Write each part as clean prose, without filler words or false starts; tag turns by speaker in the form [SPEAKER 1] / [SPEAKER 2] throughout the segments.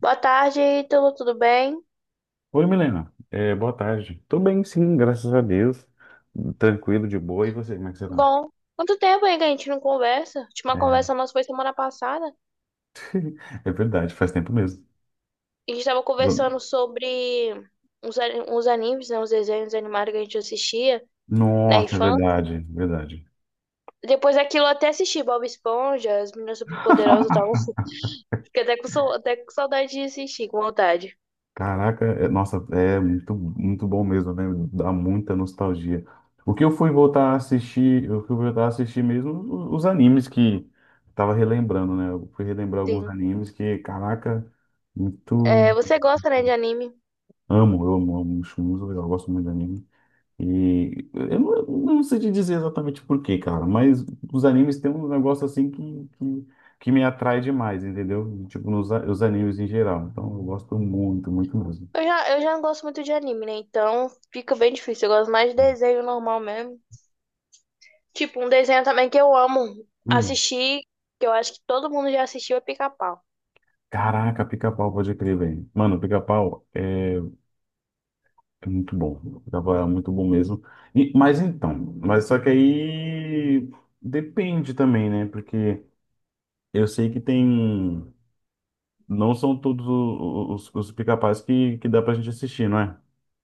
[SPEAKER 1] Boa tarde, Ítalo, tudo bem?
[SPEAKER 2] Oi, Milena. É, boa tarde. Tô bem, sim, graças a Deus. Tranquilo, de boa. E você, como é que você tá?
[SPEAKER 1] Bom, quanto tempo aí que a gente não conversa? A última
[SPEAKER 2] É,
[SPEAKER 1] conversa nossa foi semana passada.
[SPEAKER 2] é verdade, faz tempo mesmo.
[SPEAKER 1] A gente estava conversando sobre uns animes, né? Os desenhos animados que a gente assistia na
[SPEAKER 2] Nossa, é
[SPEAKER 1] infância.
[SPEAKER 2] verdade, verdade.
[SPEAKER 1] Depois daquilo eu até assisti Bob Esponja, As Meninas Superpoderosas e tal. Fiquei até até com saudade de assistir, com vontade.
[SPEAKER 2] Caraca, nossa, é muito, muito bom mesmo, né? Dá muita nostalgia. O que eu fui voltar a assistir, o que eu fui voltar a assistir mesmo, os animes que tava relembrando, né? Eu fui relembrar alguns
[SPEAKER 1] Sim.
[SPEAKER 2] animes que, caraca, muito
[SPEAKER 1] É, você gosta, né, de anime?
[SPEAKER 2] amo, acho muito legal, eu gosto muito de anime. E eu não sei te dizer exatamente por quê, cara, mas os animes têm um negócio assim que me atrai demais, entendeu? Tipo, os animes em geral. Então eu gosto muito, muito mesmo.
[SPEAKER 1] Eu já não gosto muito de anime, né? Então fica bem difícil. Eu gosto mais de desenho normal mesmo. Tipo, um desenho também que eu amo
[SPEAKER 2] Hum.
[SPEAKER 1] assistir, que eu acho que todo mundo já assistiu, é Pica-Pau.
[SPEAKER 2] Caraca, pica-pau, pode crer, velho. Mano, pica-pau é muito bom. Pica-pau é muito bom mesmo. E, mas só que aí depende também, né? Porque eu sei que tem. Não são todos os pica-paus que dá pra gente assistir, não é?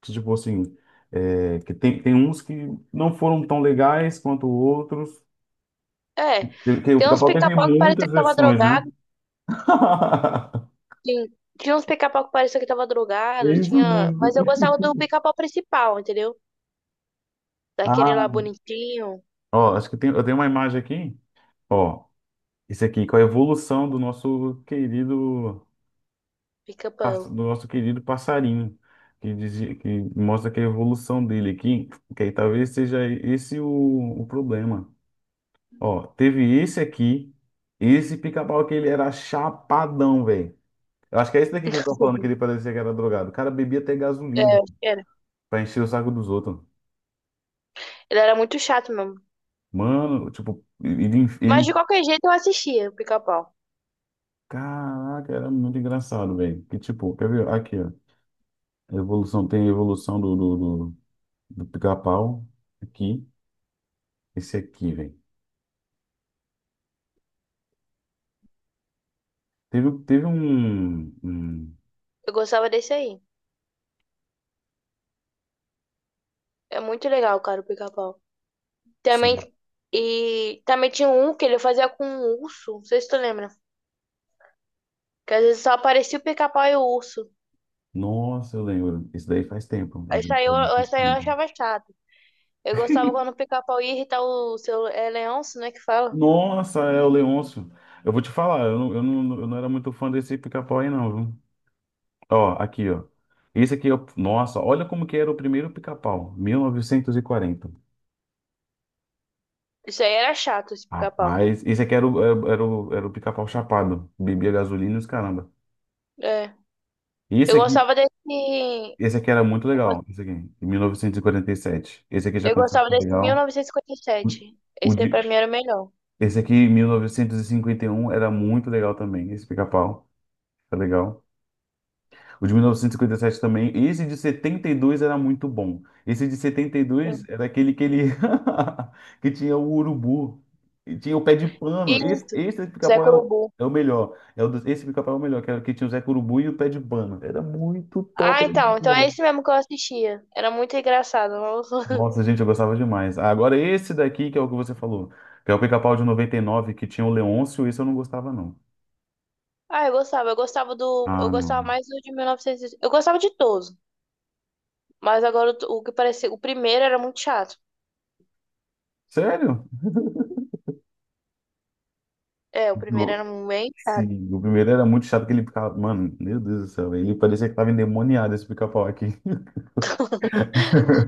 [SPEAKER 2] Que, tipo assim, é, que tem uns que não foram tão legais quanto outros.
[SPEAKER 1] É,
[SPEAKER 2] Que o
[SPEAKER 1] tem uns
[SPEAKER 2] pica-pau teve
[SPEAKER 1] Pica-Pau que parecia
[SPEAKER 2] muitas
[SPEAKER 1] que tava
[SPEAKER 2] versões,
[SPEAKER 1] drogado,
[SPEAKER 2] né?
[SPEAKER 1] sim. Tinha uns Pica-Pau que parecia que tava drogado,
[SPEAKER 2] É isso
[SPEAKER 1] tinha...
[SPEAKER 2] mesmo.
[SPEAKER 1] Mas eu gostava do Pica-Pau principal, entendeu? Daquele
[SPEAKER 2] Ah,
[SPEAKER 1] lá bonitinho,
[SPEAKER 2] ó, acho que tem, eu tenho uma imagem aqui, ó, isso aqui, com a evolução do nosso querido,
[SPEAKER 1] Pica-Pau.
[SPEAKER 2] do nosso querido passarinho, que, dizia, que mostra que é a evolução dele aqui, que aí talvez seja esse o problema. Ó, teve esse aqui, esse pica-pau que ele era chapadão, velho. Eu acho que é esse daqui que eu tô falando que ele parecia que era drogado. O cara bebia até
[SPEAKER 1] É,
[SPEAKER 2] gasolina, irmão,
[SPEAKER 1] acho que era.
[SPEAKER 2] pra encher o saco dos outros.
[SPEAKER 1] Ele era muito chato mesmo.
[SPEAKER 2] Mano, tipo, ele.
[SPEAKER 1] Mas de qualquer jeito eu assistia o Pica-Pau.
[SPEAKER 2] Caraca, era muito engraçado, velho. Que tipo, quer ver? Aqui, ó. Evolução, tem a evolução do pica-pau. Aqui, esse aqui, velho. Teve um, um.
[SPEAKER 1] Eu gostava desse aí. É muito legal, cara, o Pica-Pau. Também...
[SPEAKER 2] Sim.
[SPEAKER 1] E também tinha um que ele fazia com um urso, não sei se tu lembra. Que às vezes só aparecia o pica-pau e o urso.
[SPEAKER 2] Nossa, eu lembro. Isso daí faz tempo.
[SPEAKER 1] Isso aí eu, isso aí eu achava chato. Eu gostava quando o pica-pau ia irritar o seu. É leonço, né? Que fala.
[SPEAKER 2] Nossa, é o Leôncio. Eu vou te falar, eu não era muito fã desse pica-pau aí, não, viu? Ó, aqui, ó. Esse aqui, eu, nossa, olha como que era o primeiro pica-pau, 1940.
[SPEAKER 1] Isso aí era chato, esse pica-pau.
[SPEAKER 2] Rapaz, esse aqui era o pica-pau chapado, bebia gasolina e os caramba.
[SPEAKER 1] É.
[SPEAKER 2] E esse
[SPEAKER 1] Eu
[SPEAKER 2] aqui,
[SPEAKER 1] gostava desse.
[SPEAKER 2] esse aqui era muito
[SPEAKER 1] Eu
[SPEAKER 2] legal,
[SPEAKER 1] gos-
[SPEAKER 2] esse aqui, em 1947. Esse aqui já
[SPEAKER 1] eu
[SPEAKER 2] começou a
[SPEAKER 1] gostava
[SPEAKER 2] ser
[SPEAKER 1] desse
[SPEAKER 2] legal.
[SPEAKER 1] 1957.
[SPEAKER 2] O
[SPEAKER 1] Esse aí pra
[SPEAKER 2] de,
[SPEAKER 1] mim era o melhor.
[SPEAKER 2] esse aqui, em 1951, era muito legal também, esse pica-pau, tá legal. O de 1957 também. Esse de 72 era muito bom. Esse de 72
[SPEAKER 1] Sim.
[SPEAKER 2] era aquele que ele que tinha o urubu, e tinha o pé de pano. Esse,
[SPEAKER 1] Isso.
[SPEAKER 2] esse
[SPEAKER 1] Zé
[SPEAKER 2] pica-pau é o,
[SPEAKER 1] Curubu.
[SPEAKER 2] é o melhor. Esse pica-pau é o melhor, que era o que tinha o Zé Urubu e o pé de pano. Era muito top.
[SPEAKER 1] Ah,
[SPEAKER 2] Era muito
[SPEAKER 1] então. Então
[SPEAKER 2] melhor.
[SPEAKER 1] é esse mesmo que eu assistia. Era muito engraçado. Nossa.
[SPEAKER 2] Nossa, gente, eu gostava demais. Ah, agora esse daqui que é o que você falou, que é o pica-pau de 99 que tinha o Leôncio, esse eu não gostava não.
[SPEAKER 1] Ah, eu gostava. Eu gostava do.
[SPEAKER 2] Ah,
[SPEAKER 1] Eu gostava
[SPEAKER 2] não.
[SPEAKER 1] mais do de 1900. Eu gostava de todos. Mas agora o que parecia. O primeiro era muito chato.
[SPEAKER 2] Sério?
[SPEAKER 1] É, o primeiro era bem chato.
[SPEAKER 2] Sim, o primeiro era muito chato que ele ficava. Mano, meu Deus do céu, ele parecia que tava endemoniado esse pica-pau aqui.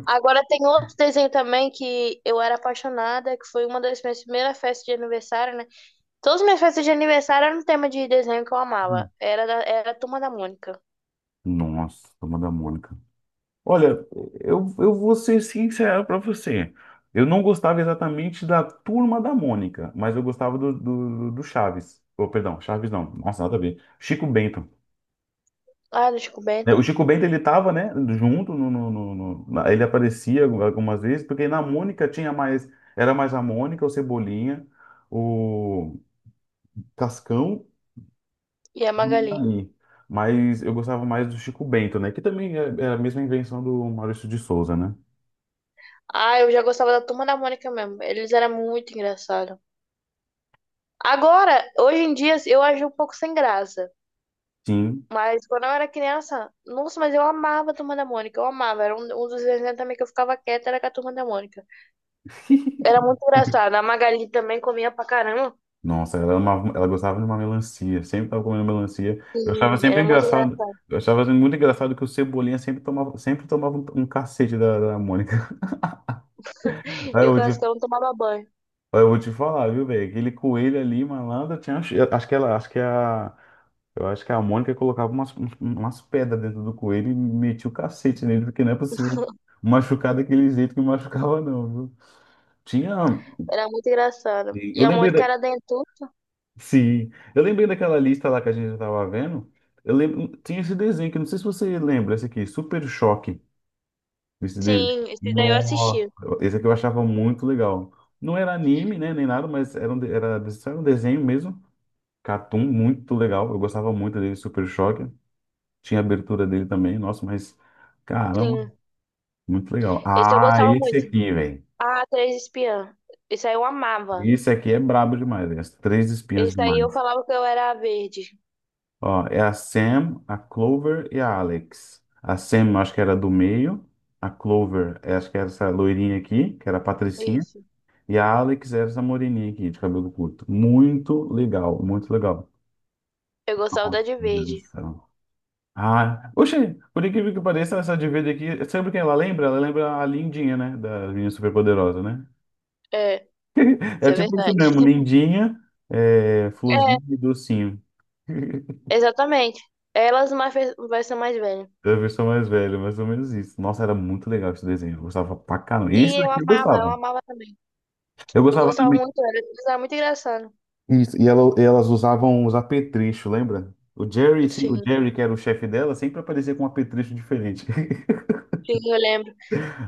[SPEAKER 1] Agora tem outro desenho também que eu era apaixonada, que foi uma das minhas primeiras festas de aniversário, né? Todas as minhas festas de aniversário eram um tema de desenho que eu amava.
[SPEAKER 2] Hum.
[SPEAKER 1] Era a Turma da Mônica.
[SPEAKER 2] Nossa, turma da Mônica. Olha, eu vou ser sincero pra você. Eu não gostava exatamente da turma da Mônica, mas eu gostava do Chaves. Oh, perdão, Chaves não. Nossa, nada a ver. Chico Bento.
[SPEAKER 1] Ah, do Chico
[SPEAKER 2] É, o
[SPEAKER 1] Bento
[SPEAKER 2] Chico Bento, ele tava, né, junto, ele aparecia algumas vezes, porque na Mônica tinha mais, era mais a Mônica, o Cebolinha, o Cascão
[SPEAKER 1] e a Magali.
[SPEAKER 2] Ali. Mas eu gostava mais do Chico Bento, né? Que também é a mesma invenção do Maurício de Souza, né?
[SPEAKER 1] Ah, eu já gostava da Turma da Mônica mesmo. Eles eram muito engraçados. Agora, hoje em dia, eu ajo um pouco sem graça.
[SPEAKER 2] Sim.
[SPEAKER 1] Mas quando eu era criança, nossa, mas eu amava a Turma da Mônica, eu amava. Era um dos desenhos também que eu ficava quieta, era com a Turma da Mônica. Era muito engraçado. A Magali também comia pra caramba.
[SPEAKER 2] Nossa, ela, ela gostava de uma melancia, sempre tava comendo melancia. Eu
[SPEAKER 1] Sim,
[SPEAKER 2] achava sempre
[SPEAKER 1] era muito
[SPEAKER 2] engraçado,
[SPEAKER 1] engraçado.
[SPEAKER 2] eu achava muito engraçado que o Cebolinha sempre tomava um cacete da Mônica. Aí
[SPEAKER 1] E
[SPEAKER 2] eu
[SPEAKER 1] o Cascão não tomava banho.
[SPEAKER 2] Eu vou te falar, viu, velho? Aquele coelho ali, malandro, tinha. Eu acho que ela, acho que é a, eu acho que é a Mônica colocava umas pedras dentro do coelho e metia o cacete nele, porque não é possível machucar daquele jeito que machucava, não, viu? Tinha.
[SPEAKER 1] Era muito engraçado.
[SPEAKER 2] Eu
[SPEAKER 1] E a
[SPEAKER 2] lembrei da.
[SPEAKER 1] Mônica era dentuça.
[SPEAKER 2] Sim, eu lembrei daquela lista lá que a gente tava vendo. Eu lembro. Tinha esse desenho que eu não sei se você lembra, esse aqui, Super Choque, esse desenho.
[SPEAKER 1] Sim, esse daí eu
[SPEAKER 2] Nossa,
[SPEAKER 1] assisti.
[SPEAKER 2] esse aqui eu achava muito legal. Não era anime, né, nem nada, mas era um, de- era, só era um desenho mesmo. Catum muito legal. Eu gostava muito dele, Super Choque. Tinha a abertura dele também. Nossa, mas caramba,
[SPEAKER 1] Sim,
[SPEAKER 2] muito legal.
[SPEAKER 1] esse eu
[SPEAKER 2] Ah,
[SPEAKER 1] gostava
[SPEAKER 2] esse
[SPEAKER 1] muito.
[SPEAKER 2] aqui, velho.
[SPEAKER 1] Ah, Três Espiãs. Esse aí eu amava.
[SPEAKER 2] Esse aqui é brabo demais, velho. As três espinhas
[SPEAKER 1] Esse aí eu
[SPEAKER 2] demais.
[SPEAKER 1] falava que eu era a verde.
[SPEAKER 2] Ó, é a Sam, a Clover e a Alex. A Sam, eu acho que era do meio. A Clover, eu acho que era essa loirinha aqui, que era a Patricinha.
[SPEAKER 1] Isso.
[SPEAKER 2] E a Alex era essa moreninha aqui, de cabelo curto. Muito legal, muito legal.
[SPEAKER 1] Eu gostava da
[SPEAKER 2] Nossa,
[SPEAKER 1] de
[SPEAKER 2] meu Deus do
[SPEAKER 1] verde.
[SPEAKER 2] céu. Ah, oxe, por incrível que pareça, essa dívida aqui, sabe quem ela lembra? Ela lembra a Lindinha, né? Da Menina Superpoderosa, né?
[SPEAKER 1] É, isso
[SPEAKER 2] É
[SPEAKER 1] é
[SPEAKER 2] tipo isso
[SPEAKER 1] verdade.
[SPEAKER 2] mesmo, Lindinha, é,
[SPEAKER 1] É,
[SPEAKER 2] Florzinha e Docinho.
[SPEAKER 1] exatamente. Elas mais fe- vai ser mais velha.
[SPEAKER 2] Da versão mais velha, mais ou menos isso. Nossa, era muito legal esse desenho. Eu gostava pra caramba. Esse
[SPEAKER 1] Sim, eu
[SPEAKER 2] daqui eu
[SPEAKER 1] amava, eu
[SPEAKER 2] gostava.
[SPEAKER 1] amava também.
[SPEAKER 2] Eu
[SPEAKER 1] Eu
[SPEAKER 2] gostava
[SPEAKER 1] gostava
[SPEAKER 2] também.
[SPEAKER 1] muito, era, era muito engraçado.
[SPEAKER 2] Isso, e elas usavam os apetrechos, lembra? O Jerry, sim, o
[SPEAKER 1] Sim.
[SPEAKER 2] Jerry, que era o chefe dela, sempre aparecia com um apetrecho diferente.
[SPEAKER 1] Sim, eu lembro.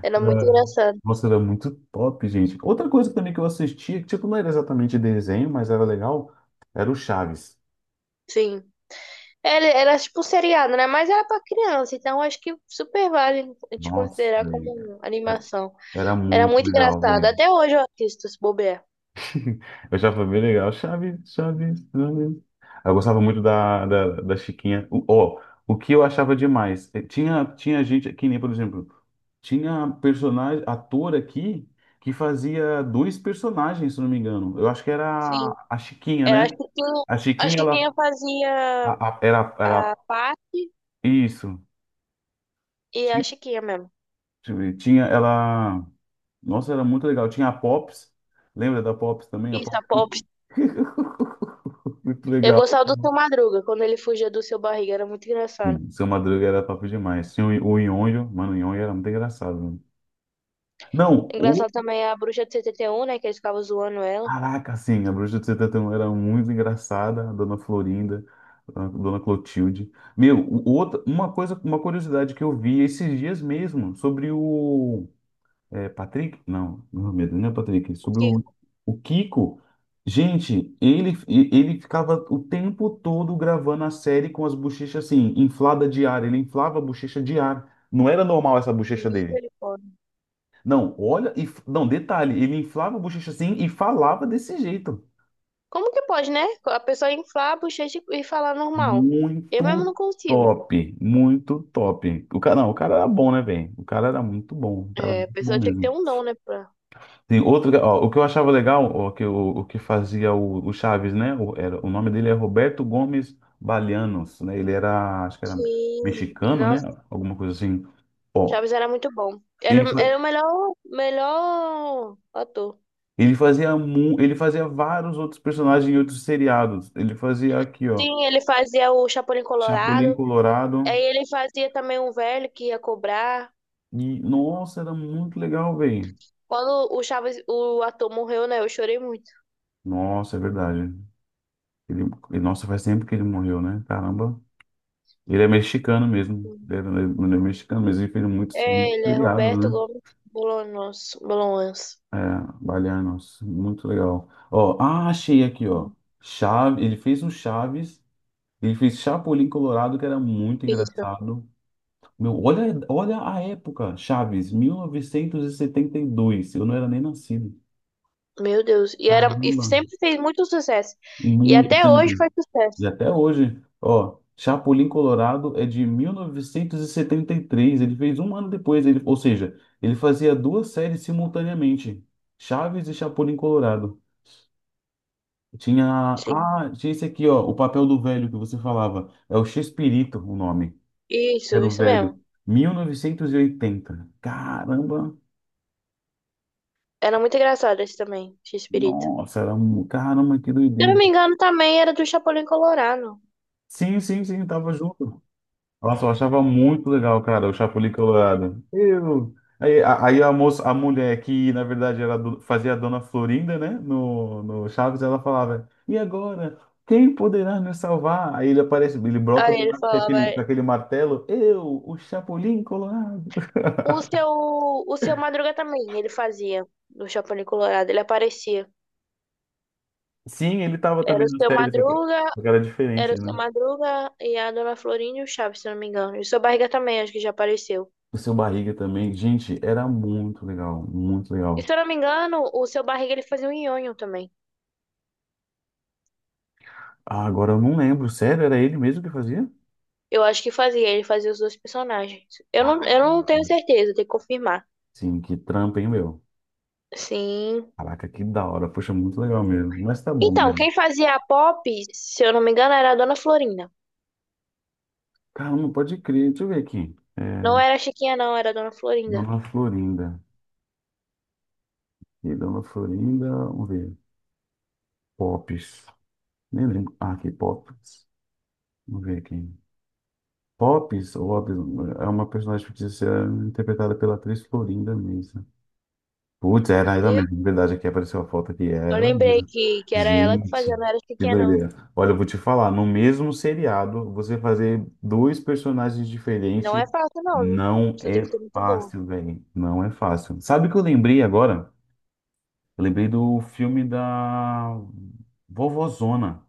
[SPEAKER 1] Era muito engraçado.
[SPEAKER 2] Nossa, era muito top, gente. Outra coisa também que eu assistia, que tipo, não era exatamente desenho, mas era legal, era o Chaves.
[SPEAKER 1] Sim. Era, era tipo um seriado, né? Mas era pra criança, então acho que super vale a gente
[SPEAKER 2] Nossa,
[SPEAKER 1] considerar
[SPEAKER 2] velho.
[SPEAKER 1] como
[SPEAKER 2] Era
[SPEAKER 1] animação.
[SPEAKER 2] era
[SPEAKER 1] Era
[SPEAKER 2] muito
[SPEAKER 1] muito
[SPEAKER 2] legal,
[SPEAKER 1] engraçado.
[SPEAKER 2] velho.
[SPEAKER 1] Até hoje eu assisto, se bobear.
[SPEAKER 2] Eu achava bem legal. Chaves, Chaves, Chaves. Eu gostava muito da Chiquinha. Ó, o que eu achava demais, tinha gente, que nem, por exemplo, tinha personagem, ator aqui que fazia dois personagens, se não me engano. Eu acho que era
[SPEAKER 1] Sim.
[SPEAKER 2] a Chiquinha,
[SPEAKER 1] Era,
[SPEAKER 2] né?
[SPEAKER 1] acho que quem,
[SPEAKER 2] A
[SPEAKER 1] a
[SPEAKER 2] Chiquinha, ela
[SPEAKER 1] Chiquinha
[SPEAKER 2] A-
[SPEAKER 1] fazia
[SPEAKER 2] a- era, era
[SPEAKER 1] a parte
[SPEAKER 2] isso.
[SPEAKER 1] e a
[SPEAKER 2] Ti-
[SPEAKER 1] Chiquinha mesmo.
[SPEAKER 2] Deixa eu ver. Tinha ela. Nossa, era muito legal. Tinha a Pops. Lembra da Pops também? A
[SPEAKER 1] Isso, a
[SPEAKER 2] Pops.
[SPEAKER 1] Pop.
[SPEAKER 2] Muito
[SPEAKER 1] Eu
[SPEAKER 2] legal.
[SPEAKER 1] gostava do seu Madruga, quando ele fugia do seu barriga, era muito engraçado.
[SPEAKER 2] Sim, Seu Madruga era top demais. Tinha o Nhonho. Mano, o Nhonho era muito engraçado. Mano. Não, o.
[SPEAKER 1] Engraçado também é a bruxa de 71 né? Que eles ficavam zoando ela.
[SPEAKER 2] Caraca, sim, a Bruxa de 71 era muito engraçada. A Dona Florinda, a Dona Clotilde. Meu, outra, uma coisa, uma curiosidade que eu vi esses dias mesmo sobre o. É Patrick? Não, não Mohamed, não é Patrick.
[SPEAKER 1] O
[SPEAKER 2] Sobre
[SPEAKER 1] que?
[SPEAKER 2] o Kiko. Gente, ele ficava o tempo todo gravando a série com as bochechas assim, inflada de ar. Ele inflava a bochecha de ar. Não era normal essa bochecha dele. Não, olha, não, detalhe, ele inflava a bochecha assim e falava desse jeito.
[SPEAKER 1] Como que pode, né? A pessoa inflar a bochecha e falar normal. Eu mesmo
[SPEAKER 2] Muito
[SPEAKER 1] não consigo.
[SPEAKER 2] top, muito top. O cara, não, o cara era bom, né, velho? O cara era muito bom, o cara era
[SPEAKER 1] É, a
[SPEAKER 2] muito bom
[SPEAKER 1] pessoa tinha que ter
[SPEAKER 2] mesmo.
[SPEAKER 1] um dom, né? Pra...
[SPEAKER 2] Tem outro, ó, o que eu achava legal, ó, que o que fazia o Chaves, né? O nome dele é Roberto Gomes Balianos, né? Ele era, acho que era
[SPEAKER 1] Sim.
[SPEAKER 2] mexicano, né?
[SPEAKER 1] Nossa,
[SPEAKER 2] Alguma coisa assim. Ó,
[SPEAKER 1] Chaves era muito bom. Era,
[SPEAKER 2] ele, fa-
[SPEAKER 1] era o melhor, melhor ator.
[SPEAKER 2] ele fazia mu, ele fazia vários outros personagens em outros seriados. Ele fazia aqui, ó,
[SPEAKER 1] Sim, ele fazia o Chapolin
[SPEAKER 2] Chapolin
[SPEAKER 1] Colorado.
[SPEAKER 2] Colorado.
[SPEAKER 1] Aí ele fazia também um velho que ia cobrar.
[SPEAKER 2] E, nossa, era muito legal, velho.
[SPEAKER 1] Quando o Chaves, o ator morreu, né? Eu chorei muito.
[SPEAKER 2] Nossa, é verdade. Ele, nossa, faz tempo que ele morreu, né? Caramba. Ele é mexicano mesmo. Ele é mexicano mesmo. Ele fez muitos
[SPEAKER 1] É, ele é
[SPEAKER 2] feriados,
[SPEAKER 1] Roberto
[SPEAKER 2] né?
[SPEAKER 1] Gomes Bolanos. Bolanos.
[SPEAKER 2] É, Baianos. Muito legal. Ó, ah, achei aqui, ó. Chaves, ele fez um Chaves. Ele fez Chapolin Colorado, que era muito
[SPEAKER 1] Isso.
[SPEAKER 2] engraçado. Meu, olha a época, Chaves, 1972. Eu não era nem nascido.
[SPEAKER 1] Meu Deus. E, era, e
[SPEAKER 2] Caramba,
[SPEAKER 1] sempre fez muito sucesso. E
[SPEAKER 2] muito
[SPEAKER 1] até hoje
[SPEAKER 2] sempre.
[SPEAKER 1] faz sucesso.
[SPEAKER 2] E até hoje, ó, Chapolin Colorado é de mil novecentos e setenta e três. Ele fez um ano depois, ele, ou seja, ele fazia duas séries simultaneamente, Chaves e Chapolin Colorado. Tinha,
[SPEAKER 1] Sim.
[SPEAKER 2] tinha esse aqui, ó, o papel do velho que você falava. É o Chespirito o nome.
[SPEAKER 1] Isso,
[SPEAKER 2] Era o
[SPEAKER 1] isso mesmo.
[SPEAKER 2] velho. Mil novecentos e oitenta. Caramba.
[SPEAKER 1] Era muito engraçado esse também, X-Pirito.
[SPEAKER 2] Nossa, era um, caramba, que
[SPEAKER 1] Se eu não
[SPEAKER 2] doideira.
[SPEAKER 1] me engano, também era do Chapolin Colorado.
[SPEAKER 2] Sim, sim, sim, tava junto. Nossa, eu achava muito legal, cara, o Chapuli Colorado. Eu. Aí a moça, a mulher que, na verdade, era fazia a Dona Florinda, né, no Chaves, ela falava, e agora? Quem poderá nos salvar? Aí ele aparece, ele brota
[SPEAKER 1] Aí
[SPEAKER 2] do
[SPEAKER 1] ele
[SPEAKER 2] mar
[SPEAKER 1] falava.
[SPEAKER 2] com aquele martelo, eu, o Chapolin Colorado.
[SPEAKER 1] O seu, o seu Madruga também, ele fazia do Chapolin Colorado, ele aparecia.
[SPEAKER 2] Sim, ele tava
[SPEAKER 1] Era
[SPEAKER 2] também
[SPEAKER 1] o
[SPEAKER 2] na
[SPEAKER 1] seu
[SPEAKER 2] série,
[SPEAKER 1] Madruga,
[SPEAKER 2] só que era
[SPEAKER 1] era
[SPEAKER 2] diferente,
[SPEAKER 1] o seu
[SPEAKER 2] né?
[SPEAKER 1] Madruga e a Dona Florinda e o Chaves, se eu não me engano. E o seu Barriga também, acho que já apareceu.
[SPEAKER 2] O Seu Barriga também, gente, era muito legal, muito
[SPEAKER 1] E
[SPEAKER 2] legal.
[SPEAKER 1] se eu não me engano, o seu Barriga ele fazia o Nhonho também.
[SPEAKER 2] Ah, agora eu não lembro, sério, era ele mesmo que fazia?
[SPEAKER 1] Eu acho que fazia, ele fazia os dois personagens. Eu não
[SPEAKER 2] Ah,
[SPEAKER 1] tenho certeza, tem que confirmar.
[SPEAKER 2] sim, que trampa, hein, meu?
[SPEAKER 1] Sim.
[SPEAKER 2] Caraca, que da hora. Poxa, muito legal mesmo. Mas tá bom,
[SPEAKER 1] Então,
[SPEAKER 2] Guilherme.
[SPEAKER 1] quem fazia a Pop, se eu não me engano, era a Dona Florinda.
[SPEAKER 2] Caramba, pode crer. Deixa eu ver aqui.
[SPEAKER 1] Não
[SPEAKER 2] É,
[SPEAKER 1] era a Chiquinha, não, era a Dona Florinda.
[SPEAKER 2] Dona Florinda. E Dona Florinda, vamos ver. Pops. Nem lembro. Ah, aqui, Pops. Vamos ver aqui. Pops, ou Ops, é uma personagem fictícia interpretada pela atriz Florinda Mesa. Putz, era ela
[SPEAKER 1] Viu?
[SPEAKER 2] mesmo, de verdade, aqui apareceu a foto aqui, era
[SPEAKER 1] Eu
[SPEAKER 2] ela
[SPEAKER 1] lembrei
[SPEAKER 2] mesmo.
[SPEAKER 1] que era ela que fazia,
[SPEAKER 2] Gente,
[SPEAKER 1] não era a
[SPEAKER 2] que
[SPEAKER 1] Chiquinha, não.
[SPEAKER 2] doideira. Olha, eu vou te falar, no mesmo seriado, você fazer dois personagens
[SPEAKER 1] Não
[SPEAKER 2] diferentes
[SPEAKER 1] é fácil, não, viu?
[SPEAKER 2] não
[SPEAKER 1] Você tem
[SPEAKER 2] é
[SPEAKER 1] que ser muito boa.
[SPEAKER 2] fácil, velho. Não é fácil. Sabe o que eu lembrei agora? Eu lembrei do filme da Vovozona.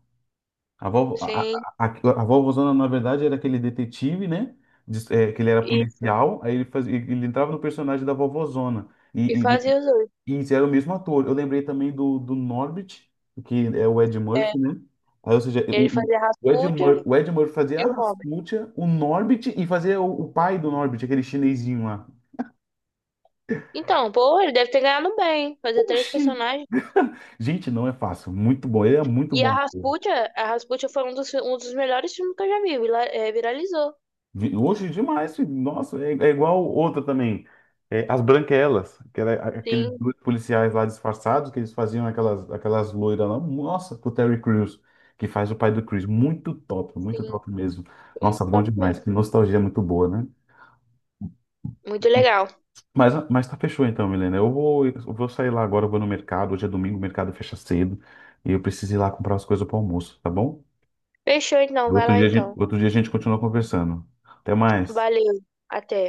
[SPEAKER 2] A, vovó,
[SPEAKER 1] Sim,
[SPEAKER 2] a, a a Vovozona, na verdade, era aquele detetive, né? É, que ele era
[SPEAKER 1] isso.
[SPEAKER 2] policial, aí ele entrava no personagem da Vovozona.
[SPEAKER 1] E
[SPEAKER 2] E,
[SPEAKER 1] fazia os dois.
[SPEAKER 2] isso, era o mesmo ator. Eu lembrei também do Norbit, que é o Ed
[SPEAKER 1] É,
[SPEAKER 2] Murphy, né? Aí, ou seja,
[SPEAKER 1] ele
[SPEAKER 2] o, o,
[SPEAKER 1] fazia a
[SPEAKER 2] o Ed
[SPEAKER 1] Rasputia
[SPEAKER 2] Mur, o Ed Murphy fazia
[SPEAKER 1] e
[SPEAKER 2] a
[SPEAKER 1] o Robin.
[SPEAKER 2] Rasputia, o Norbit e fazia o pai do Norbit, aquele chinesinho lá.
[SPEAKER 1] Então, pô, ele deve ter ganhado bem. Fazer três
[SPEAKER 2] Oxi!
[SPEAKER 1] personagens.
[SPEAKER 2] Gente, não é fácil. Muito bom. Ele é muito
[SPEAKER 1] E
[SPEAKER 2] bom.
[SPEAKER 1] A Rasputia foi um um dos melhores filmes que eu já vi. Viralizou.
[SPEAKER 2] Hoje demais, filho. Nossa, é igual outra também. É, As Branquelas, que era aqueles
[SPEAKER 1] Sim,
[SPEAKER 2] dois policiais lá disfarçados, que eles faziam aquelas loiras lá. Nossa, com o Terry Crews, que faz o pai do Chris. Muito
[SPEAKER 1] sim.
[SPEAKER 2] top mesmo.
[SPEAKER 1] Foi
[SPEAKER 2] Nossa,
[SPEAKER 1] muito
[SPEAKER 2] bom
[SPEAKER 1] top
[SPEAKER 2] demais.
[SPEAKER 1] mesmo.
[SPEAKER 2] Que nostalgia muito boa, né?
[SPEAKER 1] Muito legal.
[SPEAKER 2] Mas tá fechou então, Milena. Eu vou sair lá agora, eu vou no mercado. Hoje é domingo, o mercado fecha cedo. E eu preciso ir lá comprar as coisas para almoço, tá bom?
[SPEAKER 1] Fechou então, vai
[SPEAKER 2] Outro
[SPEAKER 1] lá
[SPEAKER 2] dia, a gente-
[SPEAKER 1] então.
[SPEAKER 2] outro dia a gente continua conversando. Até mais.
[SPEAKER 1] Valeu. Até.